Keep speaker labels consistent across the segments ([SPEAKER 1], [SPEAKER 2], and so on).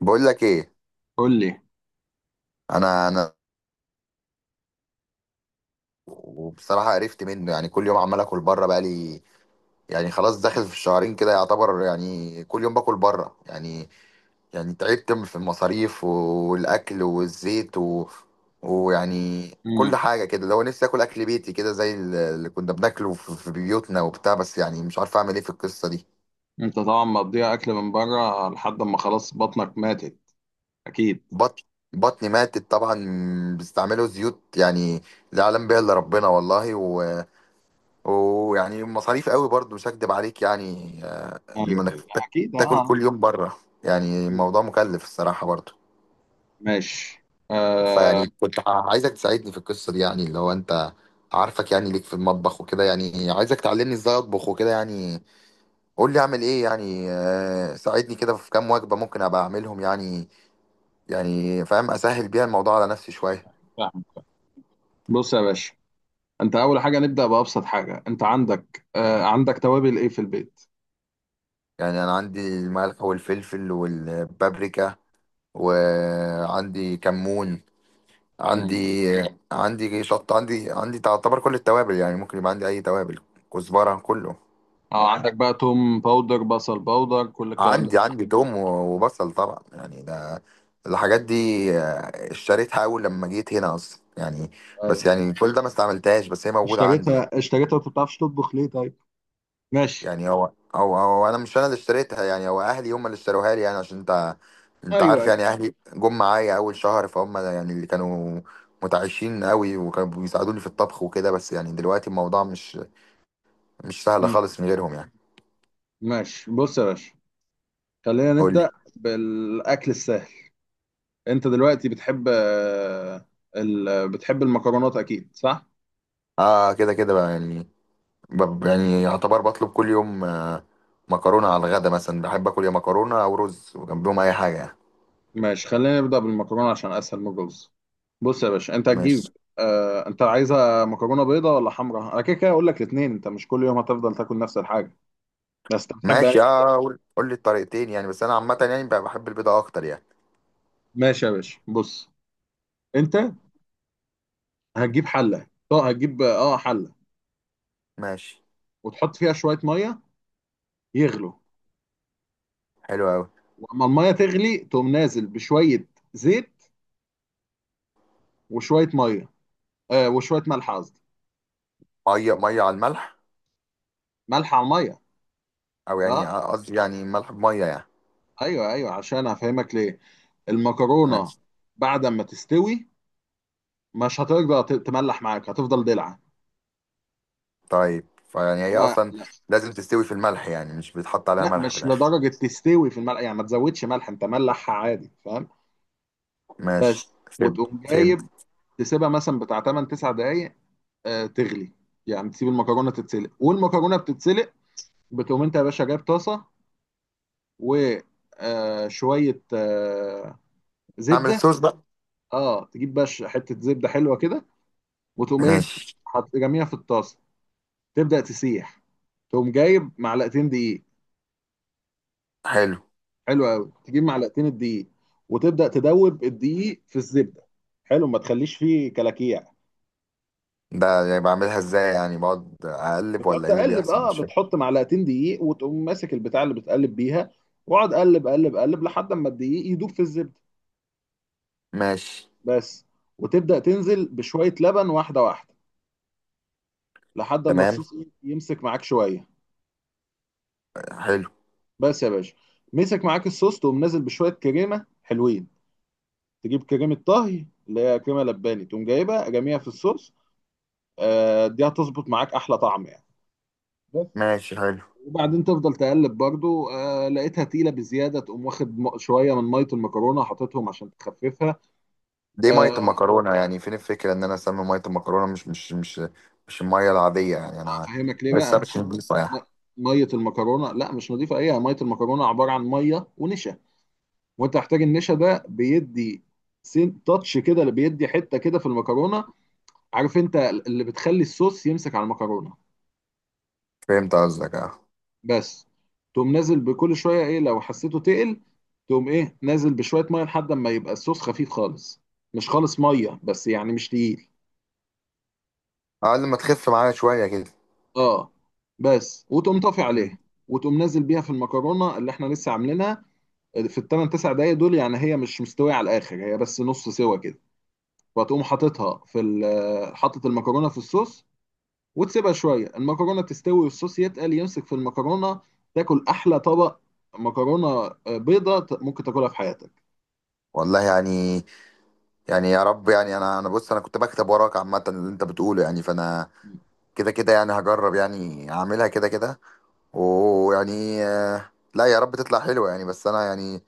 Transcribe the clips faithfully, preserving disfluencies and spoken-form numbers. [SPEAKER 1] بقول لك ايه؟
[SPEAKER 2] قول لي.
[SPEAKER 1] انا انا وبصراحه قرفت منه، يعني كل يوم عمال اكل بره. بقى لي يعني خلاص داخل في الشهرين كده، يعتبر يعني كل يوم باكل بره يعني. يعني تعبت من- في المصاريف والاكل والزيت و... ويعني
[SPEAKER 2] امم
[SPEAKER 1] كل حاجه كده. لو نفسي اكل اكل بيتي كده، زي اللي كنا بناكله في في بيوتنا وبتاع، بس يعني مش عارف اعمل ايه في القصه دي.
[SPEAKER 2] انت طبعا مقضيها اكل من بره لحد ما خلاص بطنك ماتت. اكيد.
[SPEAKER 1] بطن بطني ماتت طبعا، بيستعملوا زيوت يعني لا يعلم بها الا ربنا والله. ويعني مصاريف قوي برضو، مش هكدب عليك يعني، آه،
[SPEAKER 2] ايوه،
[SPEAKER 1] انك
[SPEAKER 2] أيوة.
[SPEAKER 1] تا-
[SPEAKER 2] اكيد. اه
[SPEAKER 1] تاكل
[SPEAKER 2] آه،
[SPEAKER 1] كل يوم بره، يعني
[SPEAKER 2] أكيد.
[SPEAKER 1] الموضوع مكلف الصراحة برضو.
[SPEAKER 2] ماشي. آه.
[SPEAKER 1] فيعني كنت ع- عايزك تساعدني في القصة دي، يعني اللي هو انت عارفك يعني ليك في المطبخ وكده، يعني عايزك تعلمني ازاي اطبخ وكده يعني. قول لي اعمل ايه يعني، آه، ساعدني كده في كام وجبة ممكن ابقى اعملهم يعني، يعني فاهم اسهل بيها الموضوع على نفسي
[SPEAKER 2] أيوة،
[SPEAKER 1] شوية.
[SPEAKER 2] أيوة، فاهم. بص يا باشا، انت اول حاجه نبدا بابسط حاجه. انت عندك آه عندك توابل ايه في البيت؟
[SPEAKER 1] يعني انا عندي الملح والفلفل والبابريكا، وعندي كمون،
[SPEAKER 2] امم
[SPEAKER 1] عندي عندي شط، عندي عندي تعتبر كل التوابل يعني، ممكن يبقى عندي اي توابل، كزبره، كله
[SPEAKER 2] اه، عندك بقى توم باودر، بصل باودر، كل الكلام ده.
[SPEAKER 1] عندي. عندي توم و- وبصل طبعا، يعني ده الحاجات دي آه، اشتريتها اول لما جيت هنا اصلا يعني،
[SPEAKER 2] ايوه.
[SPEAKER 1] بس يعني كل ده ما استعملتهاش، بس هي موجوده عندي يعني.
[SPEAKER 2] اشتريتها اشتريتها، انت ما بتعرفش تطبخ ليه طيب؟ ماشي.
[SPEAKER 1] يعني هو هو هو انا مش انا اللي اشتريتها يعني، هو اهلي هم اللي اشتروها لي يعني، عشان انت انت
[SPEAKER 2] ايوه
[SPEAKER 1] عارف
[SPEAKER 2] ايوه.
[SPEAKER 1] يعني اهلي جم معايا اول شهر، فهم يعني اللي كانوا متعايشين قوي وكانوا بيساعدوني في الطبخ وكده. بس يعني دلوقتي الموضوع مش مش سهلة
[SPEAKER 2] مم.
[SPEAKER 1] خالص من غيرهم يعني.
[SPEAKER 2] ماشي، بص يا باشا، خلينا
[SPEAKER 1] قول لي.
[SPEAKER 2] نبدا بالاكل السهل. انت دلوقتي بتحب، آه، ال... بتحب المكرونات اكيد، صح؟
[SPEAKER 1] اه كده كده بقى يعني، ب- يعني يعتبر بطلب كل يوم، آه، مكرونة على الغدا مثلا. بحب اكل يا مكرونة او رز، وجنبهم اي حاجة يعني.
[SPEAKER 2] ماشي، خلينا نبدا بالمكرونه عشان اسهل من الرز. بص يا باشا، انت هتجيب،
[SPEAKER 1] ماشي.
[SPEAKER 2] آه... انت عايزه مكرونه بيضه ولا حمراء؟ انا كده كده اقول لك الاثنين، انت مش كل يوم هتفضل تاكل نفس الحاجه، بس انت بتحب يعني.
[SPEAKER 1] ماشي، اه، قول قول لي الطريقتين يعني، بس انا عامة يعني بقى بحب البيضة اكتر يعني.
[SPEAKER 2] ماشي يا باشا، بص، انت هتجيب حله. اه هتجيب اه حله.
[SPEAKER 1] ماشي.
[SPEAKER 2] وتحط فيها شويه ميه يغلوا.
[SPEAKER 1] حلو قوي.
[SPEAKER 2] واما الميه تغلي تقوم نازل بشويه زيت وشويه ميه. آه وشويه ملح قصدي.
[SPEAKER 1] مية مية على الملح،
[SPEAKER 2] ملح على الميه.
[SPEAKER 1] او
[SPEAKER 2] اه.
[SPEAKER 1] يعني، آه، قصدي يعني ملح بمية يعني.
[SPEAKER 2] ايوه ايوه، عشان هفهمك ليه. المكرونه
[SPEAKER 1] ماشي.
[SPEAKER 2] بعد ما تستوي مش هترجع ت- تملح معاك، هتفضل دلع.
[SPEAKER 1] طيب، فيعني هي
[SPEAKER 2] انما
[SPEAKER 1] اصلا
[SPEAKER 2] لا،
[SPEAKER 1] لازم تستوي في الملح يعني؟ مش بيتحط عليها
[SPEAKER 2] لا
[SPEAKER 1] ملح في
[SPEAKER 2] مش
[SPEAKER 1] الاخر؟
[SPEAKER 2] لدرجه تستوي في الملح يعني، ما تزودش ملح، انت ملحها عادي، فاهم.
[SPEAKER 1] ماشي
[SPEAKER 2] بس،
[SPEAKER 1] فهمت.
[SPEAKER 2] وتقوم
[SPEAKER 1] فهمت.
[SPEAKER 2] جايب، تسيبها مثلا بتاع تمانية تسعة دقائق آه تغلي. يعني تسيب المكرونه تتسلق، والمكرونه بتتسلق. بتقوم انت يا باشا جايب طاسه و آه شويه آه
[SPEAKER 1] نعمل
[SPEAKER 2] زبده.
[SPEAKER 1] الصوص بقى.
[SPEAKER 2] اه، تجيب بقى حته زبده حلوه كده، وتقوم ايه،
[SPEAKER 1] ماشي.
[SPEAKER 2] حط جميع في الطاسه، تبدا تسيح. تقوم جايب معلقتين دقيق.
[SPEAKER 1] حلو.
[SPEAKER 2] حلو قوي، تجيب معلقتين الدقيق وتبدا تدوب الدقيق في الزبده. حلو، ما تخليش فيه كلاكيع.
[SPEAKER 1] ده يعني بعملها ازاي يعني؟ بقعد اقلب
[SPEAKER 2] بتقعد
[SPEAKER 1] ولا ايه اللي
[SPEAKER 2] تقلب،
[SPEAKER 1] بيحصل؟
[SPEAKER 2] اه
[SPEAKER 1] مش فاهم.
[SPEAKER 2] بتحط معلقتين دقيق وتقوم ماسك البتاع اللي بتقلب بيها، واقعد قلب قلب قلب لحد اما الدقيق يدوب في الزبده.
[SPEAKER 1] ماشي.
[SPEAKER 2] بس. وتبدا تنزل بشويه لبن، واحده واحده، لحد اما
[SPEAKER 1] تمام.
[SPEAKER 2] الصوص يمسك معاك شويه.
[SPEAKER 1] حلو.
[SPEAKER 2] بس يا باشا، مسك معاك الصوص، تقوم نازل بشويه كريمه حلوين، تجيب كريمه طهي اللي هي كريمه لباني، تقوم جايبها جميع في الصوص. آه، دي هتظبط معاك احلى طعم يعني. بس.
[SPEAKER 1] ماشي. حلو.
[SPEAKER 2] وبعدين تفضل تقلب برضو، آه لقيتها تقيله بزياده، تقوم واخد م- شويه من ميه المكرونه حاططهم عشان تخففها.
[SPEAKER 1] ليه ميه
[SPEAKER 2] آه
[SPEAKER 1] المكرونه يعني؟ فين الفكره ان انا اسمي ميه المكرونه؟ مش مش مش مش الميه العاديه يعني انا،
[SPEAKER 2] افهمك ليه
[SPEAKER 1] بس
[SPEAKER 2] بقى.
[SPEAKER 1] مش نضيفه
[SPEAKER 2] م-
[SPEAKER 1] يعني.
[SPEAKER 2] ميه المكرونه لا مش نظيفه، ايه ميه المكرونه عباره عن ميه ونشا، وانت هتحتاج النشا ده بيدي سين تاتش كده، اللي بيدي حته كده في المكرونه، عارف، انت اللي بتخلي الصوص يمسك على المكرونه.
[SPEAKER 1] فهمت قصدك، اه.
[SPEAKER 2] بس. تقوم نازل بكل شويه، ايه لو حسيته تقل تقوم ايه نازل بشويه ميه لحد ما يبقى الصوص خفيف خالص، مش خالص ميه بس يعني، مش تقيل.
[SPEAKER 1] اقل ما تخف معايا شويه كده.
[SPEAKER 2] اه. بس وتقوم طافي
[SPEAKER 1] مم.
[SPEAKER 2] عليه وتقوم نازل بيها في المكرونه اللي احنا لسه عاملينها في الثمان تسع دقايق دول، يعني هي مش مستويه على الاخر، هي بس نص سوا كده، وتقوم حاططها في ال- حاطط المكرونه في الصوص، وتسيبها شويه المكرونه تستوي والصوص يتقل يمسك في المكرونه. تاكل احلى طبق مكرونه آه، بيضه ت- ممكن تاكلها في حياتك.
[SPEAKER 1] والله يعني، يعني يا رب يعني، انا انا بص انا كنت بكتب وراك عامه اللي انت بتقوله يعني، فانا
[SPEAKER 2] مم.
[SPEAKER 1] كده كده يعني هجرب يعني اعملها كده كده. ويعني آه، لا يا رب تطلع حلوه يعني، بس انا يعني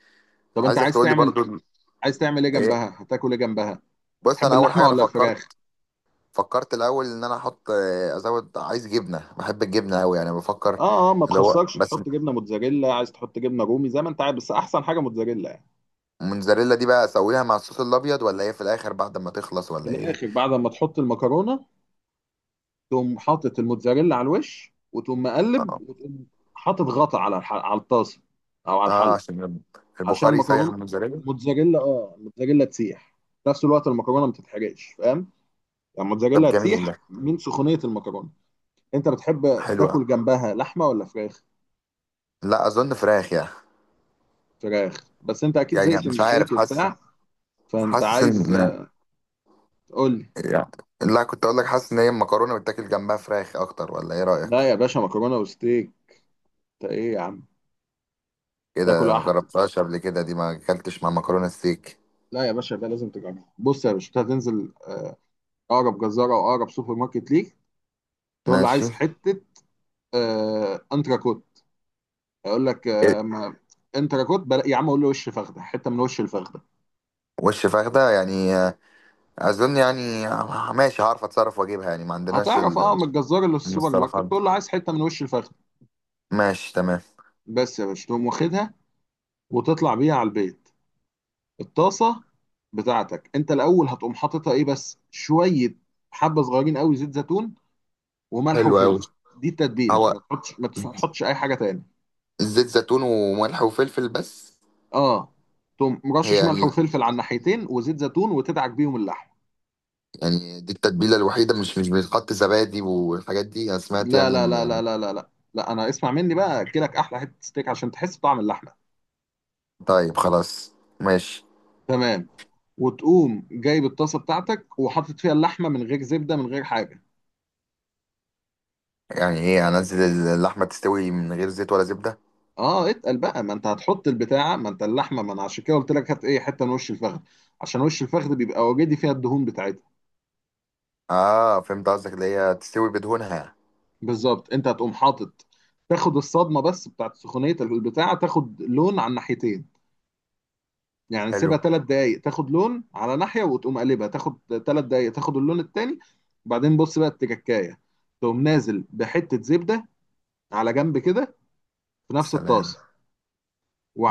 [SPEAKER 2] طب انت
[SPEAKER 1] عايزك
[SPEAKER 2] عايز
[SPEAKER 1] تقول لي
[SPEAKER 2] تعمل،
[SPEAKER 1] برضو ال-
[SPEAKER 2] عايز تعمل ايه
[SPEAKER 1] ايه.
[SPEAKER 2] جنبها؟ هتاكل ايه جنبها؟
[SPEAKER 1] بص
[SPEAKER 2] تحب
[SPEAKER 1] انا اول
[SPEAKER 2] اللحمه
[SPEAKER 1] حاجه انا
[SPEAKER 2] ولا
[SPEAKER 1] فكرت،
[SPEAKER 2] الفراخ؟
[SPEAKER 1] فكرت الاول ان انا احط، آه، ازود، عايز جبنه، بحب الجبنه قوي يعني بفكر.
[SPEAKER 2] اه اه، ما
[SPEAKER 1] اللي هو
[SPEAKER 2] تخسرش،
[SPEAKER 1] بس
[SPEAKER 2] تحط جبنه موتزاريلا، عايز تحط جبنه رومي زي ما انت عايز، بس احسن حاجه موتزاريلا يعني.
[SPEAKER 1] الموتزاريلا دي بقى اسويها مع الصوص الابيض، ولا هي في الاخر بعد ما تخلص،
[SPEAKER 2] في
[SPEAKER 1] ولا ايه؟
[SPEAKER 2] الاخر بعد ما تحط المكرونه، تقوم حاطط الموتزاريلا على الوش، وتقوم مقلب،
[SPEAKER 1] اه،
[SPEAKER 2] وتقوم حاطط غطا على الح... على الطاسه او على
[SPEAKER 1] آه،
[SPEAKER 2] الحل
[SPEAKER 1] عشان
[SPEAKER 2] عشان
[SPEAKER 1] البخار يسيح
[SPEAKER 2] المكرونه،
[SPEAKER 1] الموتزاريلا.
[SPEAKER 2] الموتزاريلا، اه الموتزاريلا تسيح في نفس الوقت المكرونه ما تتحرقش، فاهم؟ يعني
[SPEAKER 1] طب
[SPEAKER 2] الموتزاريلا
[SPEAKER 1] جميل
[SPEAKER 2] تسيح
[SPEAKER 1] ده.
[SPEAKER 2] من سخونيه المكرونه. انت بتحب
[SPEAKER 1] حلوة.
[SPEAKER 2] تاكل جنبها لحمه ولا فراخ؟
[SPEAKER 1] لا اظن فراخ يعني.
[SPEAKER 2] فراخ. بس انت اكيد زهقت
[SPEAKER 1] يعني
[SPEAKER 2] من
[SPEAKER 1] مش عارف،
[SPEAKER 2] الزيت
[SPEAKER 1] حاسس،
[SPEAKER 2] وبتاع، فانت
[SPEAKER 1] حاسس
[SPEAKER 2] عايز
[SPEAKER 1] ان
[SPEAKER 2] آه، تقول لي.
[SPEAKER 1] يعني، لا كنت اقول لك حاسس ان هي المكرونه بتاكل جنبها فراخ اكتر، ولا ايه رايك؟
[SPEAKER 2] لا يا باشا، مكرونه وستيك. انت ايه يا عم؟ تاكل
[SPEAKER 1] كده ما
[SPEAKER 2] أح...
[SPEAKER 1] جربتهاش قبل كده، دي ما اكلتش مع مكرونه ستيك.
[SPEAKER 2] لا يا باشا، ده لازم تجربه. بص يا باشا، أنت هتنزل اقرب جزاره او اقرب سوبر ماركت ليك، تقول له
[SPEAKER 1] ماشي.
[SPEAKER 2] عايز حته آه انتراكوت. هيقول لك آه ما انتراكوت بلا... يا عم قول له وش فخده، حته من وش الفخده.
[SPEAKER 1] وش فخدة يعني، آه، أظن يعني، آه، ماشي هعرف أتصرف وأجيبها يعني، ما عندناش
[SPEAKER 2] هتعرف اه
[SPEAKER 1] ال-
[SPEAKER 2] من الجزار اللي في السوبر ماركت،
[SPEAKER 1] المصطلحات دي.
[SPEAKER 2] تقول له عايز حته من وش الفخده.
[SPEAKER 1] ماشي تمام.
[SPEAKER 2] بس يا باشا، تقوم واخدها وتطلع بيها على البيت. الطاسه بتاعتك انت الاول هتقوم حاططها ايه بس شويه، حبه صغيرين قوي زيت زيتون وملح
[SPEAKER 1] حلو أوي.
[SPEAKER 2] وفلفل. دي التتبيله،
[SPEAKER 1] هو
[SPEAKER 2] ما تحطش ما تحطش اي حاجه تاني.
[SPEAKER 1] زيت زيتون وملح وفلفل بس؟
[SPEAKER 2] اه، تقوم
[SPEAKER 1] هي
[SPEAKER 2] مرشش ملح
[SPEAKER 1] يعني،
[SPEAKER 2] وفلفل على الناحيتين وزيت زيتون وتدعك بيهم اللحم.
[SPEAKER 1] يعني دي التتبيلة الوحيدة؟ مش مش بيتحط زبادي والحاجات دي؟ أنا سمعت
[SPEAKER 2] لا
[SPEAKER 1] يعني
[SPEAKER 2] لا لا لا
[SPEAKER 1] إن.
[SPEAKER 2] لا لا لا لا، انا اسمع مني بقى، اكلك احلى حته ستيك عشان تحس بطعم اللحمه.
[SPEAKER 1] طيب خلاص، ماشي.
[SPEAKER 2] تمام. وتقوم جايب الطاسه بتاعتك وحاطط فيها اللحمه من غير زبده من غير حاجه.
[SPEAKER 1] يعني إيه أنزل اللحمة تستوي من غير زيت ولا زبدة؟
[SPEAKER 2] اه اتقل بقى، ما انت هتحط البتاعه، ما انت اللحمه، ما انا عشان كده قلت لك هات ايه حته من وش الفخذ، عشان وش الفخذ بيبقى وجدي فيها الدهون بتاعتها.
[SPEAKER 1] آه فهمت قصدك، اللي هي تستوي بدهونها.
[SPEAKER 2] بالظبط، انت هتقوم حاطط، تاخد الصدمه بس بتاعت سخونيه البتاعه، تاخد لون على الناحيتين، يعني
[SPEAKER 1] حلو.
[SPEAKER 2] سيبها ثلاث دقائق تاخد لون على ناحيه وتقوم قلبها تاخد ثلاث دقائق تاخد اللون التاني. وبعدين بص بقى التكاكايه، تقوم نازل بحته زبده على جنب كده في نفس
[SPEAKER 1] سلام.
[SPEAKER 2] الطاسه،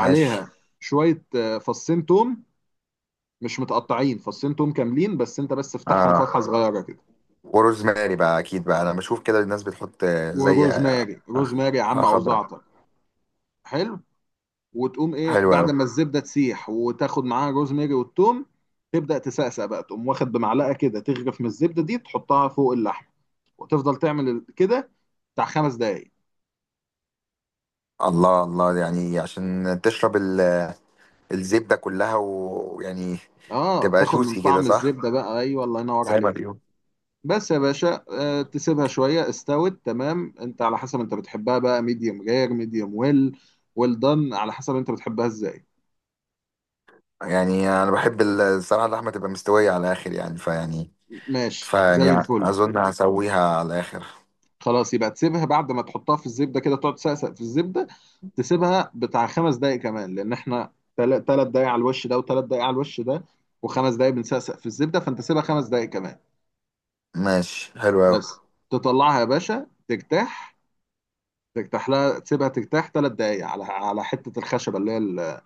[SPEAKER 1] ماشي.
[SPEAKER 2] شويه آه، فصين توم، مش متقطعين، فصين توم كاملين، بس انت بس افتحهم
[SPEAKER 1] آه.
[SPEAKER 2] فتحه صغيره كده.
[SPEAKER 1] وروزماري بقى اكيد بقى، انا بشوف كده الناس بتحط، آه، زي آه،
[SPEAKER 2] وروزماري روزماري يا عم،
[SPEAKER 1] آه،
[SPEAKER 2] او
[SPEAKER 1] خضرة.
[SPEAKER 2] زعتر. حلو. وتقوم ايه
[SPEAKER 1] حلوة
[SPEAKER 2] بعد
[SPEAKER 1] أوي.
[SPEAKER 2] ما الزبده تسيح وتاخد معاها روزماري والثوم، تبدا تسقسق بقى، تقوم واخد بمعلقه كده تغرف من الزبده دي تحطها فوق اللحم، وتفضل تعمل كده بتاع خمس دقايق.
[SPEAKER 1] الله الله، يعني عشان تشرب ال- آه، الزبدة كلها، و- ويعني
[SPEAKER 2] اه،
[SPEAKER 1] تبقى
[SPEAKER 2] تاخد من
[SPEAKER 1] جوسي كده،
[SPEAKER 2] طعم
[SPEAKER 1] صح؟
[SPEAKER 2] الزبده بقى، ايوه، الله ينور
[SPEAKER 1] زي ما
[SPEAKER 2] عليك.
[SPEAKER 1] بيقول.
[SPEAKER 2] بس يا باشا، آه، تسيبها شوية استوت تمام انت، على حسب انت بتحبها بقى، ميديوم رير، ميديوم ويل، ويل دان، على حسب انت بتحبها ازاي.
[SPEAKER 1] يعني انا بحب ال- الصراحة اللحمة تبقى مستوية على الاخر يعني، فيعني،
[SPEAKER 2] ماشي زي
[SPEAKER 1] فيعني
[SPEAKER 2] الفل.
[SPEAKER 1] اظن هسويها على الاخر.
[SPEAKER 2] خلاص، يبقى تسيبها بعد ما تحطها في الزبدة كده، تقعد تسقسق في الزبدة، تسيبها بتاع خمس دقايق كمان، لان احنا تل- تلات دقايق على الوش ده وتلات دقايق على الوش ده وخمس دقايق بنسقسق في الزبدة، فانت سيبها خمس دقايق كمان.
[SPEAKER 1] ماشي. حلو أوي.
[SPEAKER 2] بس، تطلعها يا باشا ترتاح، ترتاح لها، تسيبها ترتاح تلات دقايق على على حتة الخشبة اللي هي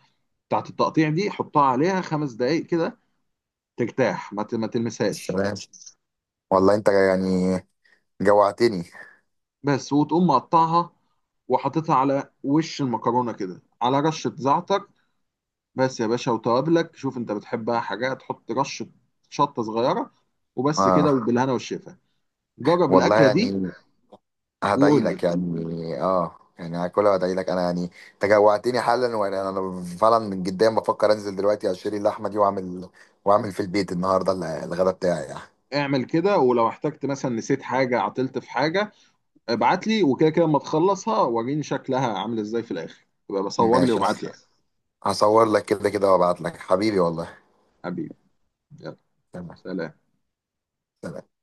[SPEAKER 2] بتاعت التقطيع دي، حطها عليها خمس دقايق كده، ترتاح، ما ت- ما تلمسهاش.
[SPEAKER 1] السلام. والله انت يعني جوعتني.
[SPEAKER 2] بس، وتقوم مقطعها وحاططها على وش المكرونه كده، على رشه زعتر بس يا باشا، وتوابلك شوف انت بتحبها حاجه، تحط رشه شطه صغيره وبس كده،
[SPEAKER 1] اه.
[SPEAKER 2] وبالهنا والشفا. جرب
[SPEAKER 1] والله
[SPEAKER 2] الاكله دي
[SPEAKER 1] يعني هدعي
[SPEAKER 2] وقول لي.
[SPEAKER 1] لك يعني، اه يعني هاكلها وادعي لك انا يعني. تجوعتني حالا، وانا انا فعلا من جدا بفكر انزل دلوقتي اشتري اللحمه دي، واعمل، واعمل في البيت النهارده ال- الغدا بتاعي يعني.
[SPEAKER 2] اعمل كده، ولو احتجت مثلا نسيت حاجه، عطلت في حاجه، ابعت لي، وكده كده اما تخلصها وريني شكلها عامل ازاي في الاخر، يبقى بصور لي
[SPEAKER 1] ماشي.
[SPEAKER 2] وابعت لي.
[SPEAKER 1] هصور لك كده كده وابعت لك، حبيبي والله.
[SPEAKER 2] حبيبي. يلا.
[SPEAKER 1] تمام.
[SPEAKER 2] سلام.
[SPEAKER 1] سلام.